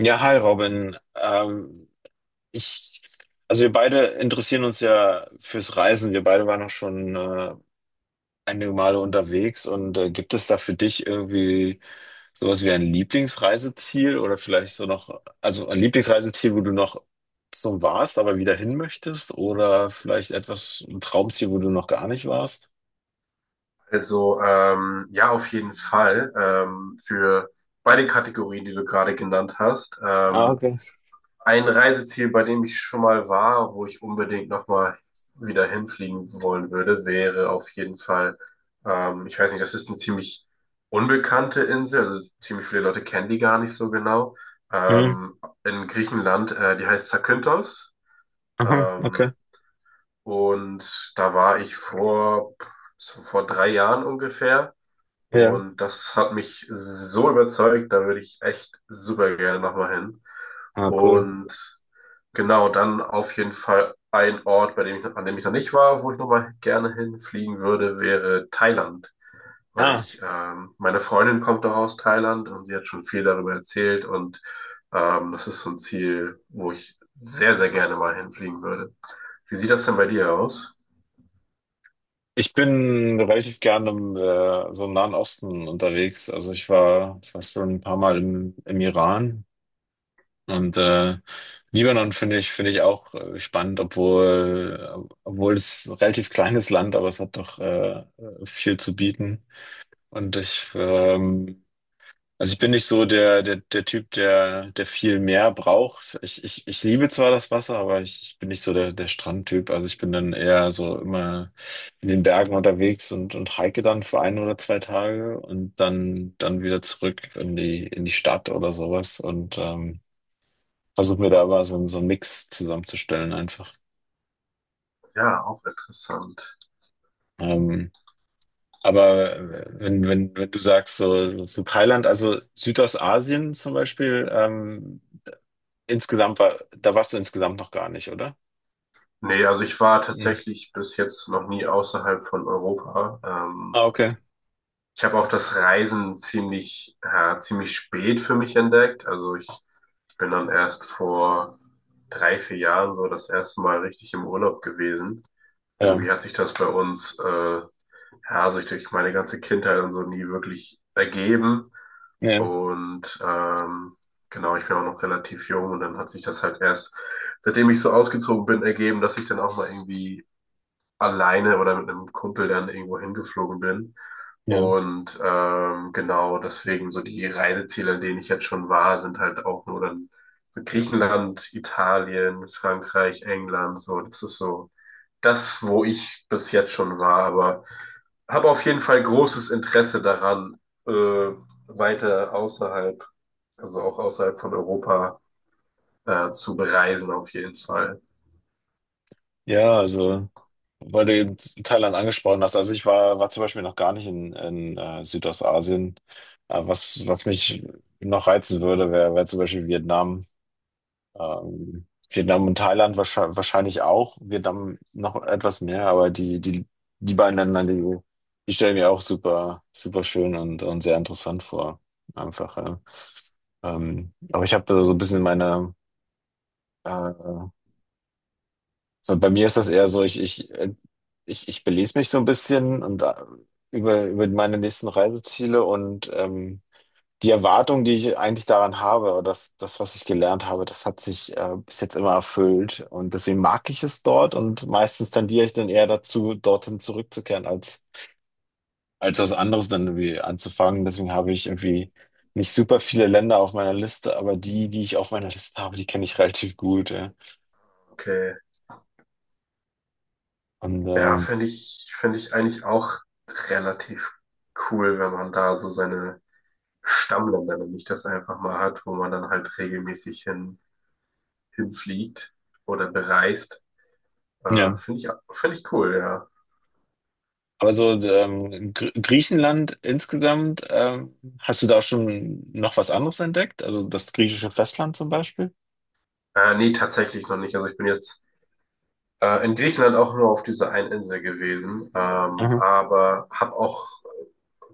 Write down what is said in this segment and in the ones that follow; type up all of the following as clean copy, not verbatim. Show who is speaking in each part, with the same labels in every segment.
Speaker 1: Ja, hi Robin. Ich, also wir beide interessieren uns ja fürs Reisen. Wir beide waren auch schon einige Male unterwegs. Und gibt es da für dich irgendwie sowas wie ein Lieblingsreiseziel oder vielleicht so noch, also ein Lieblingsreiseziel, wo du noch so warst, aber wieder hin möchtest? Oder vielleicht etwas, ein Traumziel, wo du noch gar nicht warst?
Speaker 2: Ja, auf jeden Fall für beide Kategorien, die du gerade genannt hast.
Speaker 1: Ah, okay.
Speaker 2: Ein Reiseziel, bei dem ich schon mal war, wo ich unbedingt nochmal wieder hinfliegen wollen würde, wäre auf jeden Fall ich weiß nicht, das ist eine ziemlich unbekannte Insel, also ziemlich viele Leute kennen die gar nicht so genau.
Speaker 1: Hm.
Speaker 2: Ähm, in Griechenland, die heißt Zakynthos.
Speaker 1: Aha,
Speaker 2: Ähm,
Speaker 1: okay.
Speaker 2: und da war ich vor 3 Jahren ungefähr.
Speaker 1: Ja.
Speaker 2: Und das hat mich so überzeugt, da würde ich echt super gerne nochmal hin.
Speaker 1: Ah, cool.
Speaker 2: Und genau, dann auf jeden Fall ein Ort, bei dem ich, an dem ich noch nicht war, wo ich nochmal gerne hinfliegen würde, wäre Thailand. Weil
Speaker 1: Ah.
Speaker 2: ich, meine Freundin kommt doch aus Thailand und sie hat schon viel darüber erzählt und das ist so ein Ziel, wo ich sehr, sehr gerne mal hinfliegen würde. Wie sieht das denn bei dir aus?
Speaker 1: Ich bin relativ gerne im so im Nahen Osten unterwegs. Also ich war schon ein paar Mal im Iran und Libanon finde ich auch spannend, obwohl es ein relativ kleines Land, aber es hat doch viel zu bieten. Und ich, also ich bin nicht so der Typ, der viel mehr braucht. Ich liebe zwar das Wasser, aber ich bin nicht so der Strandtyp. Also ich bin dann eher so immer in den Bergen unterwegs und hike dann für 1 oder 2 Tage und dann wieder zurück in die Stadt oder sowas und versuche mir da aber so, so einen Mix zusammenzustellen einfach.
Speaker 2: Ja, auch interessant.
Speaker 1: Ähm, aber wenn du sagst, so Thailand, also Südostasien zum Beispiel, da warst du insgesamt noch gar nicht, oder?
Speaker 2: Nee, also ich war
Speaker 1: Hm.
Speaker 2: tatsächlich bis jetzt noch nie außerhalb von Europa.
Speaker 1: Ah, okay.
Speaker 2: Ich habe auch das Reisen ziemlich, ja, ziemlich spät für mich entdeckt. Also ich bin dann erst vor 3, 4 Jahren so das erste Mal richtig im Urlaub gewesen.
Speaker 1: Ja,
Speaker 2: Irgendwie hat sich das bei uns, ja, sich durch meine ganze Kindheit und so nie wirklich ergeben.
Speaker 1: ja,
Speaker 2: Und genau, ich bin auch noch relativ jung und dann hat sich das halt erst, seitdem ich so ausgezogen bin, ergeben, dass ich dann auch mal irgendwie alleine oder mit einem Kumpel dann irgendwo hingeflogen bin.
Speaker 1: ja.
Speaker 2: Und genau deswegen so die Reiseziele, an denen ich jetzt schon war, sind halt auch nur dann so Griechenland, Italien, Frankreich, England, so. Das ist so das, wo ich bis jetzt schon war, aber habe auf jeden Fall großes Interesse daran, äh, weiter außerhalb, also auch außerhalb von Europa, zu bereisen, auf jeden Fall.
Speaker 1: Ja, also, weil du eben Thailand angesprochen hast. Also ich war zum Beispiel noch gar nicht in Südostasien. Was mich noch reizen würde, wäre wär wär zum Beispiel Vietnam. Ähm, Vietnam und Thailand wahrscheinlich auch. Vietnam noch etwas mehr, aber die beiden Länder, die stellen mir auch super, super schön und sehr interessant vor. Einfach. Ja. Aber ich habe so ein bisschen meine, äh, so bei mir ist das eher so, ich belese mich so ein bisschen und über meine nächsten Reiseziele und die Erwartung, die ich eigentlich daran habe, oder was ich gelernt habe, das hat sich bis jetzt immer erfüllt. Und deswegen mag ich es dort und meistens tendiere ich dann eher dazu, dorthin zurückzukehren, als was anderes dann irgendwie anzufangen. Deswegen habe ich irgendwie nicht super viele Länder auf meiner Liste, aber die, die ich auf meiner Liste habe, die kenne ich relativ gut. Ja.
Speaker 2: Okay.
Speaker 1: Und
Speaker 2: Ja, finde ich eigentlich auch relativ cool, wenn man da so seine Stammländer, wenn ich das einfach mal hat, wo man dann halt regelmäßig hinfliegt oder bereist.
Speaker 1: ja.
Speaker 2: Finde ich, finde ich cool, ja.
Speaker 1: Aber so Gr Griechenland insgesamt, hast du da schon noch was anderes entdeckt? Also das griechische Festland zum Beispiel?
Speaker 2: Nee, tatsächlich noch nicht. Also ich bin jetzt in Griechenland auch nur auf dieser einen Insel gewesen,
Speaker 1: Mhm.
Speaker 2: aber habe auch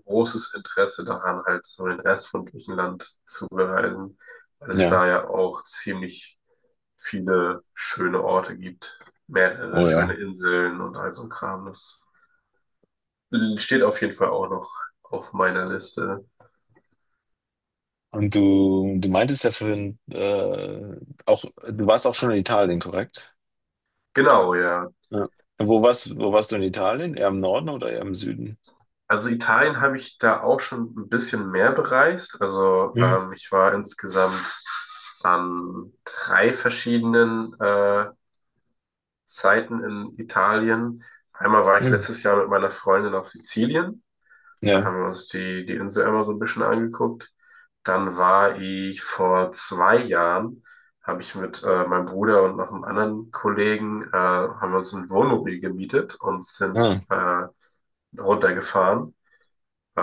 Speaker 2: großes Interesse daran, halt so den Rest von Griechenland zu bereisen, weil es
Speaker 1: Ja.
Speaker 2: da ja auch ziemlich viele schöne Orte gibt, mehrere
Speaker 1: Oh
Speaker 2: schöne
Speaker 1: ja.
Speaker 2: Inseln und all so ein Kram. Das steht auf jeden Fall auch noch auf meiner Liste.
Speaker 1: Und du meintest ja vorhin, auch, du warst auch schon in Italien, korrekt?
Speaker 2: Genau, ja.
Speaker 1: Ja. Wo warst du in Italien? Eher im Norden oder eher im Süden?
Speaker 2: Also Italien habe ich da auch schon ein bisschen mehr bereist. Also
Speaker 1: Mhm.
Speaker 2: ich war insgesamt an 3 verschiedenen Zeiten in Italien. Einmal war ich
Speaker 1: Mhm.
Speaker 2: letztes Jahr mit meiner Freundin auf Sizilien. Da
Speaker 1: Ja,
Speaker 2: haben wir uns die Insel einmal so ein bisschen angeguckt. Dann war ich vor 2 Jahren, habe ich mit meinem Bruder und noch einem anderen Kollegen, haben wir uns ein Wohnmobil gemietet und sind
Speaker 1: ah,
Speaker 2: runtergefahren.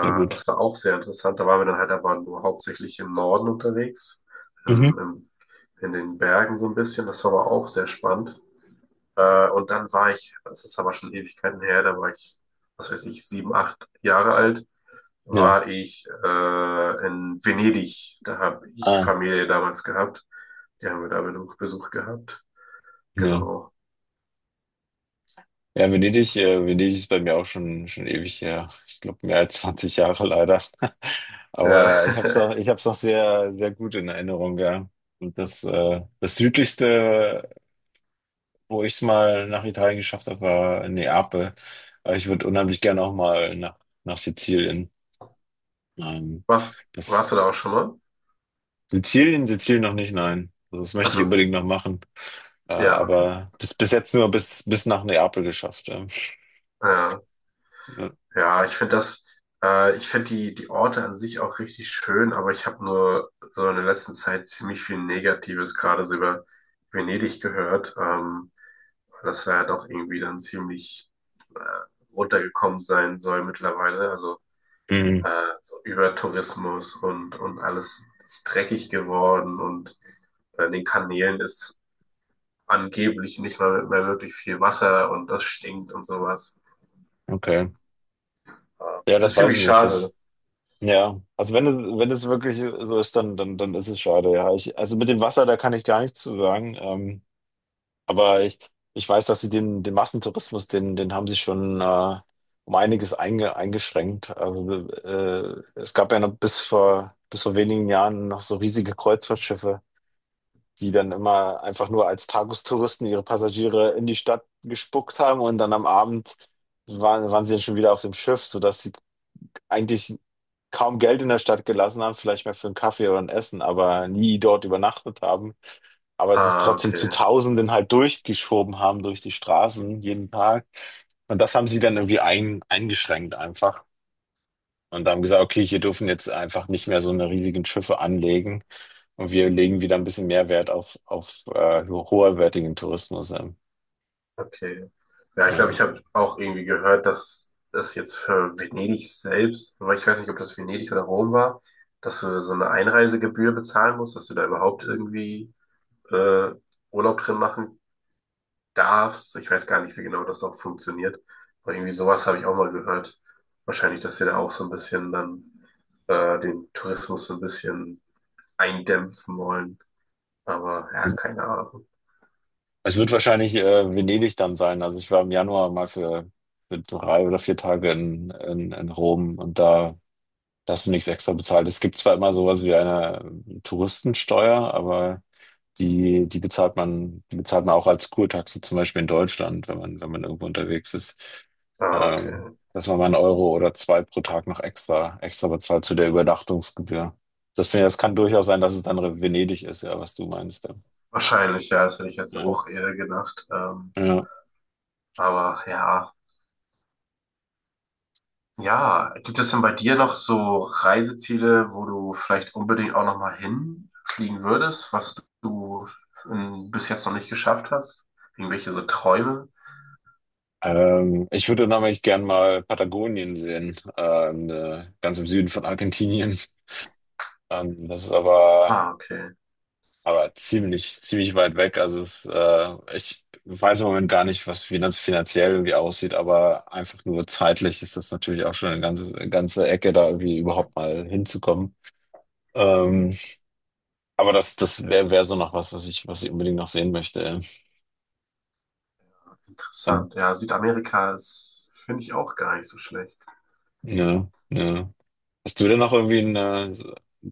Speaker 1: sehr gut.
Speaker 2: Das war auch sehr interessant. Da waren wir dann halt aber nur hauptsächlich im Norden unterwegs,
Speaker 1: Mhm.
Speaker 2: in, im, in den Bergen so ein bisschen. Das war aber auch sehr spannend. Und dann war ich, das ist aber schon Ewigkeiten her, da war ich, was weiß ich, 7, 8 Jahre alt
Speaker 1: Ja,
Speaker 2: war ich in Venedig. Da habe ich
Speaker 1: ah,
Speaker 2: Familie damals gehabt. Die haben wir da Besuch gehabt.
Speaker 1: ja.
Speaker 2: Genau.
Speaker 1: Ja, Venedig ist bei mir auch schon, schon ewig her. Ich glaube, mehr als 20 Jahre leider. Aber
Speaker 2: Ja.
Speaker 1: ich hab's noch sehr, sehr gut in Erinnerung, ja. Und das südlichste, wo ich es mal nach Italien geschafft habe, war Neapel. Aber ich würde unheimlich gerne auch mal nach Sizilien. Ähm,
Speaker 2: Was,
Speaker 1: das,
Speaker 2: warst du da auch schon mal?
Speaker 1: Sizilien noch nicht, nein. Also das möchte ich
Speaker 2: Also,
Speaker 1: unbedingt noch machen.
Speaker 2: ja, okay.
Speaker 1: Aber bis jetzt nur bis nach Neapel geschafft. Ja.
Speaker 2: Ja,
Speaker 1: Ja.
Speaker 2: ja, ich finde das, ich finde die Orte an sich auch richtig schön, aber ich habe nur so in der letzten Zeit ziemlich viel Negatives gerade so über Venedig gehört, weil das ja doch irgendwie dann ziemlich runtergekommen sein soll mittlerweile. Also
Speaker 1: Mhm,
Speaker 2: äh, so Übertourismus und alles ist dreckig geworden und an den Kanälen ist angeblich nicht mal mehr wirklich viel Wasser und das stinkt und sowas. Äh,
Speaker 1: okay. Ja, das
Speaker 2: Ist
Speaker 1: weiß ich
Speaker 2: ziemlich
Speaker 1: nicht.
Speaker 2: schade.
Speaker 1: Ja, also wenn es wirklich so ist, dann ist es schade. Ja, also mit dem Wasser, da kann ich gar nichts zu sagen. Aber ich weiß, dass sie den Massentourismus, den haben sie schon um einiges eingeschränkt. Also, es gab ja noch bis vor wenigen Jahren noch so riesige Kreuzfahrtschiffe, die dann immer einfach nur als Tagestouristen ihre Passagiere in die Stadt gespuckt haben und dann am Abend waren sie dann schon wieder auf dem Schiff, sodass die eigentlich kaum Geld in der Stadt gelassen haben, vielleicht mehr für einen Kaffee oder ein Essen, aber nie dort übernachtet haben. Aber es ist
Speaker 2: Ah,
Speaker 1: trotzdem zu Tausenden halt durchgeschoben haben durch die Straßen jeden Tag. Und das haben sie dann irgendwie eingeschränkt einfach. Und haben gesagt, okay, hier dürfen jetzt einfach nicht mehr so eine riesigen Schiffe anlegen. Und wir legen wieder ein bisschen mehr Wert auf hoherwertigen Tourismus.
Speaker 2: okay. Ja, ich glaube,
Speaker 1: Ja.
Speaker 2: ich habe auch irgendwie gehört, dass das jetzt für Venedig selbst, aber ich weiß nicht, ob das Venedig oder Rom war, dass du so eine Einreisegebühr bezahlen musst, dass du da überhaupt irgendwie äh, Urlaub drin machen darfst. Ich weiß gar nicht, wie genau das auch funktioniert. Aber irgendwie sowas habe ich auch mal gehört. Wahrscheinlich, dass sie da auch so ein bisschen dann den Tourismus so ein bisschen eindämpfen wollen. Aber ja,
Speaker 1: Also
Speaker 2: keine Ahnung.
Speaker 1: es wird wahrscheinlich Venedig dann sein. Also ich war im Januar mal für 3 oder 4 Tage in Rom und da hast du nichts extra bezahlt. Es gibt zwar immer sowas wie eine Touristensteuer, aber die bezahlt man, auch als Kurtaxe, zum Beispiel in Deutschland, wenn man irgendwo unterwegs ist.
Speaker 2: Ah,
Speaker 1: Ähm,
Speaker 2: okay.
Speaker 1: dass man mal einen Euro oder zwei pro Tag noch extra bezahlt zu der Übernachtungsgebühr. Das, finde ich, das kann durchaus sein, dass es dann Venedig ist, ja, was du meinst. Ja.
Speaker 2: Wahrscheinlich, ja, das hätte ich jetzt
Speaker 1: Ja.
Speaker 2: auch eher gedacht.
Speaker 1: Ja.
Speaker 2: Aber ja. Ja, gibt es denn bei dir noch so Reiseziele, wo du vielleicht unbedingt auch nochmal hinfliegen würdest, was du bis jetzt noch nicht geschafft hast? Irgendwelche so Träume?
Speaker 1: Ich würde nämlich gern mal Patagonien sehen, ganz im Süden von Argentinien. Das ist aber,
Speaker 2: Ah, okay.
Speaker 1: aber ziemlich, ziemlich weit weg. Also ich weiß im Moment gar nicht, was finanziell irgendwie aussieht, aber einfach nur zeitlich ist das natürlich auch schon eine ganze, ganze Ecke, da irgendwie überhaupt mal hinzukommen. Ähm, aber das wäre wär wär so noch was, was ich unbedingt noch sehen möchte. Ähm,
Speaker 2: Interessant. Ja, Südamerika ist, finde ich auch gar nicht so schlecht.
Speaker 1: ne, ne. Hast du denn noch irgendwie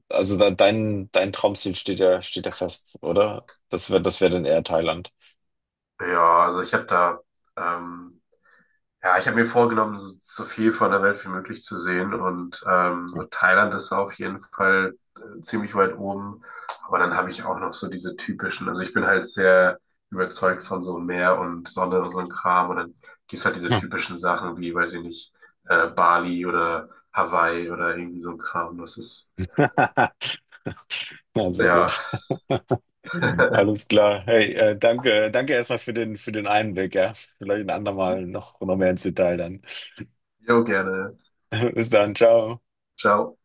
Speaker 1: also da, dein Traumziel steht ja fest, oder? Das wäre dann eher Thailand.
Speaker 2: Ja, also ich habe da, ähm, ja, ich habe mir vorgenommen, so, so viel von der Welt wie möglich zu sehen und so Thailand ist auf jeden Fall ziemlich weit oben. Aber dann habe ich auch noch so diese typischen, also ich bin halt sehr überzeugt von so Meer und Sonne und so ein Kram und dann gibt's halt diese
Speaker 1: Ja.
Speaker 2: typischen Sachen wie, weiß ich nicht, Bali oder Hawaii oder irgendwie so ein Kram. Das ist,
Speaker 1: Ja, sehr
Speaker 2: ja,
Speaker 1: gut. Alles klar. Hey, danke erstmal für den Einblick, ja. Vielleicht ein andermal noch mehr ins Detail dann.
Speaker 2: jo, gerne.
Speaker 1: Bis dann, ciao.
Speaker 2: Ciao.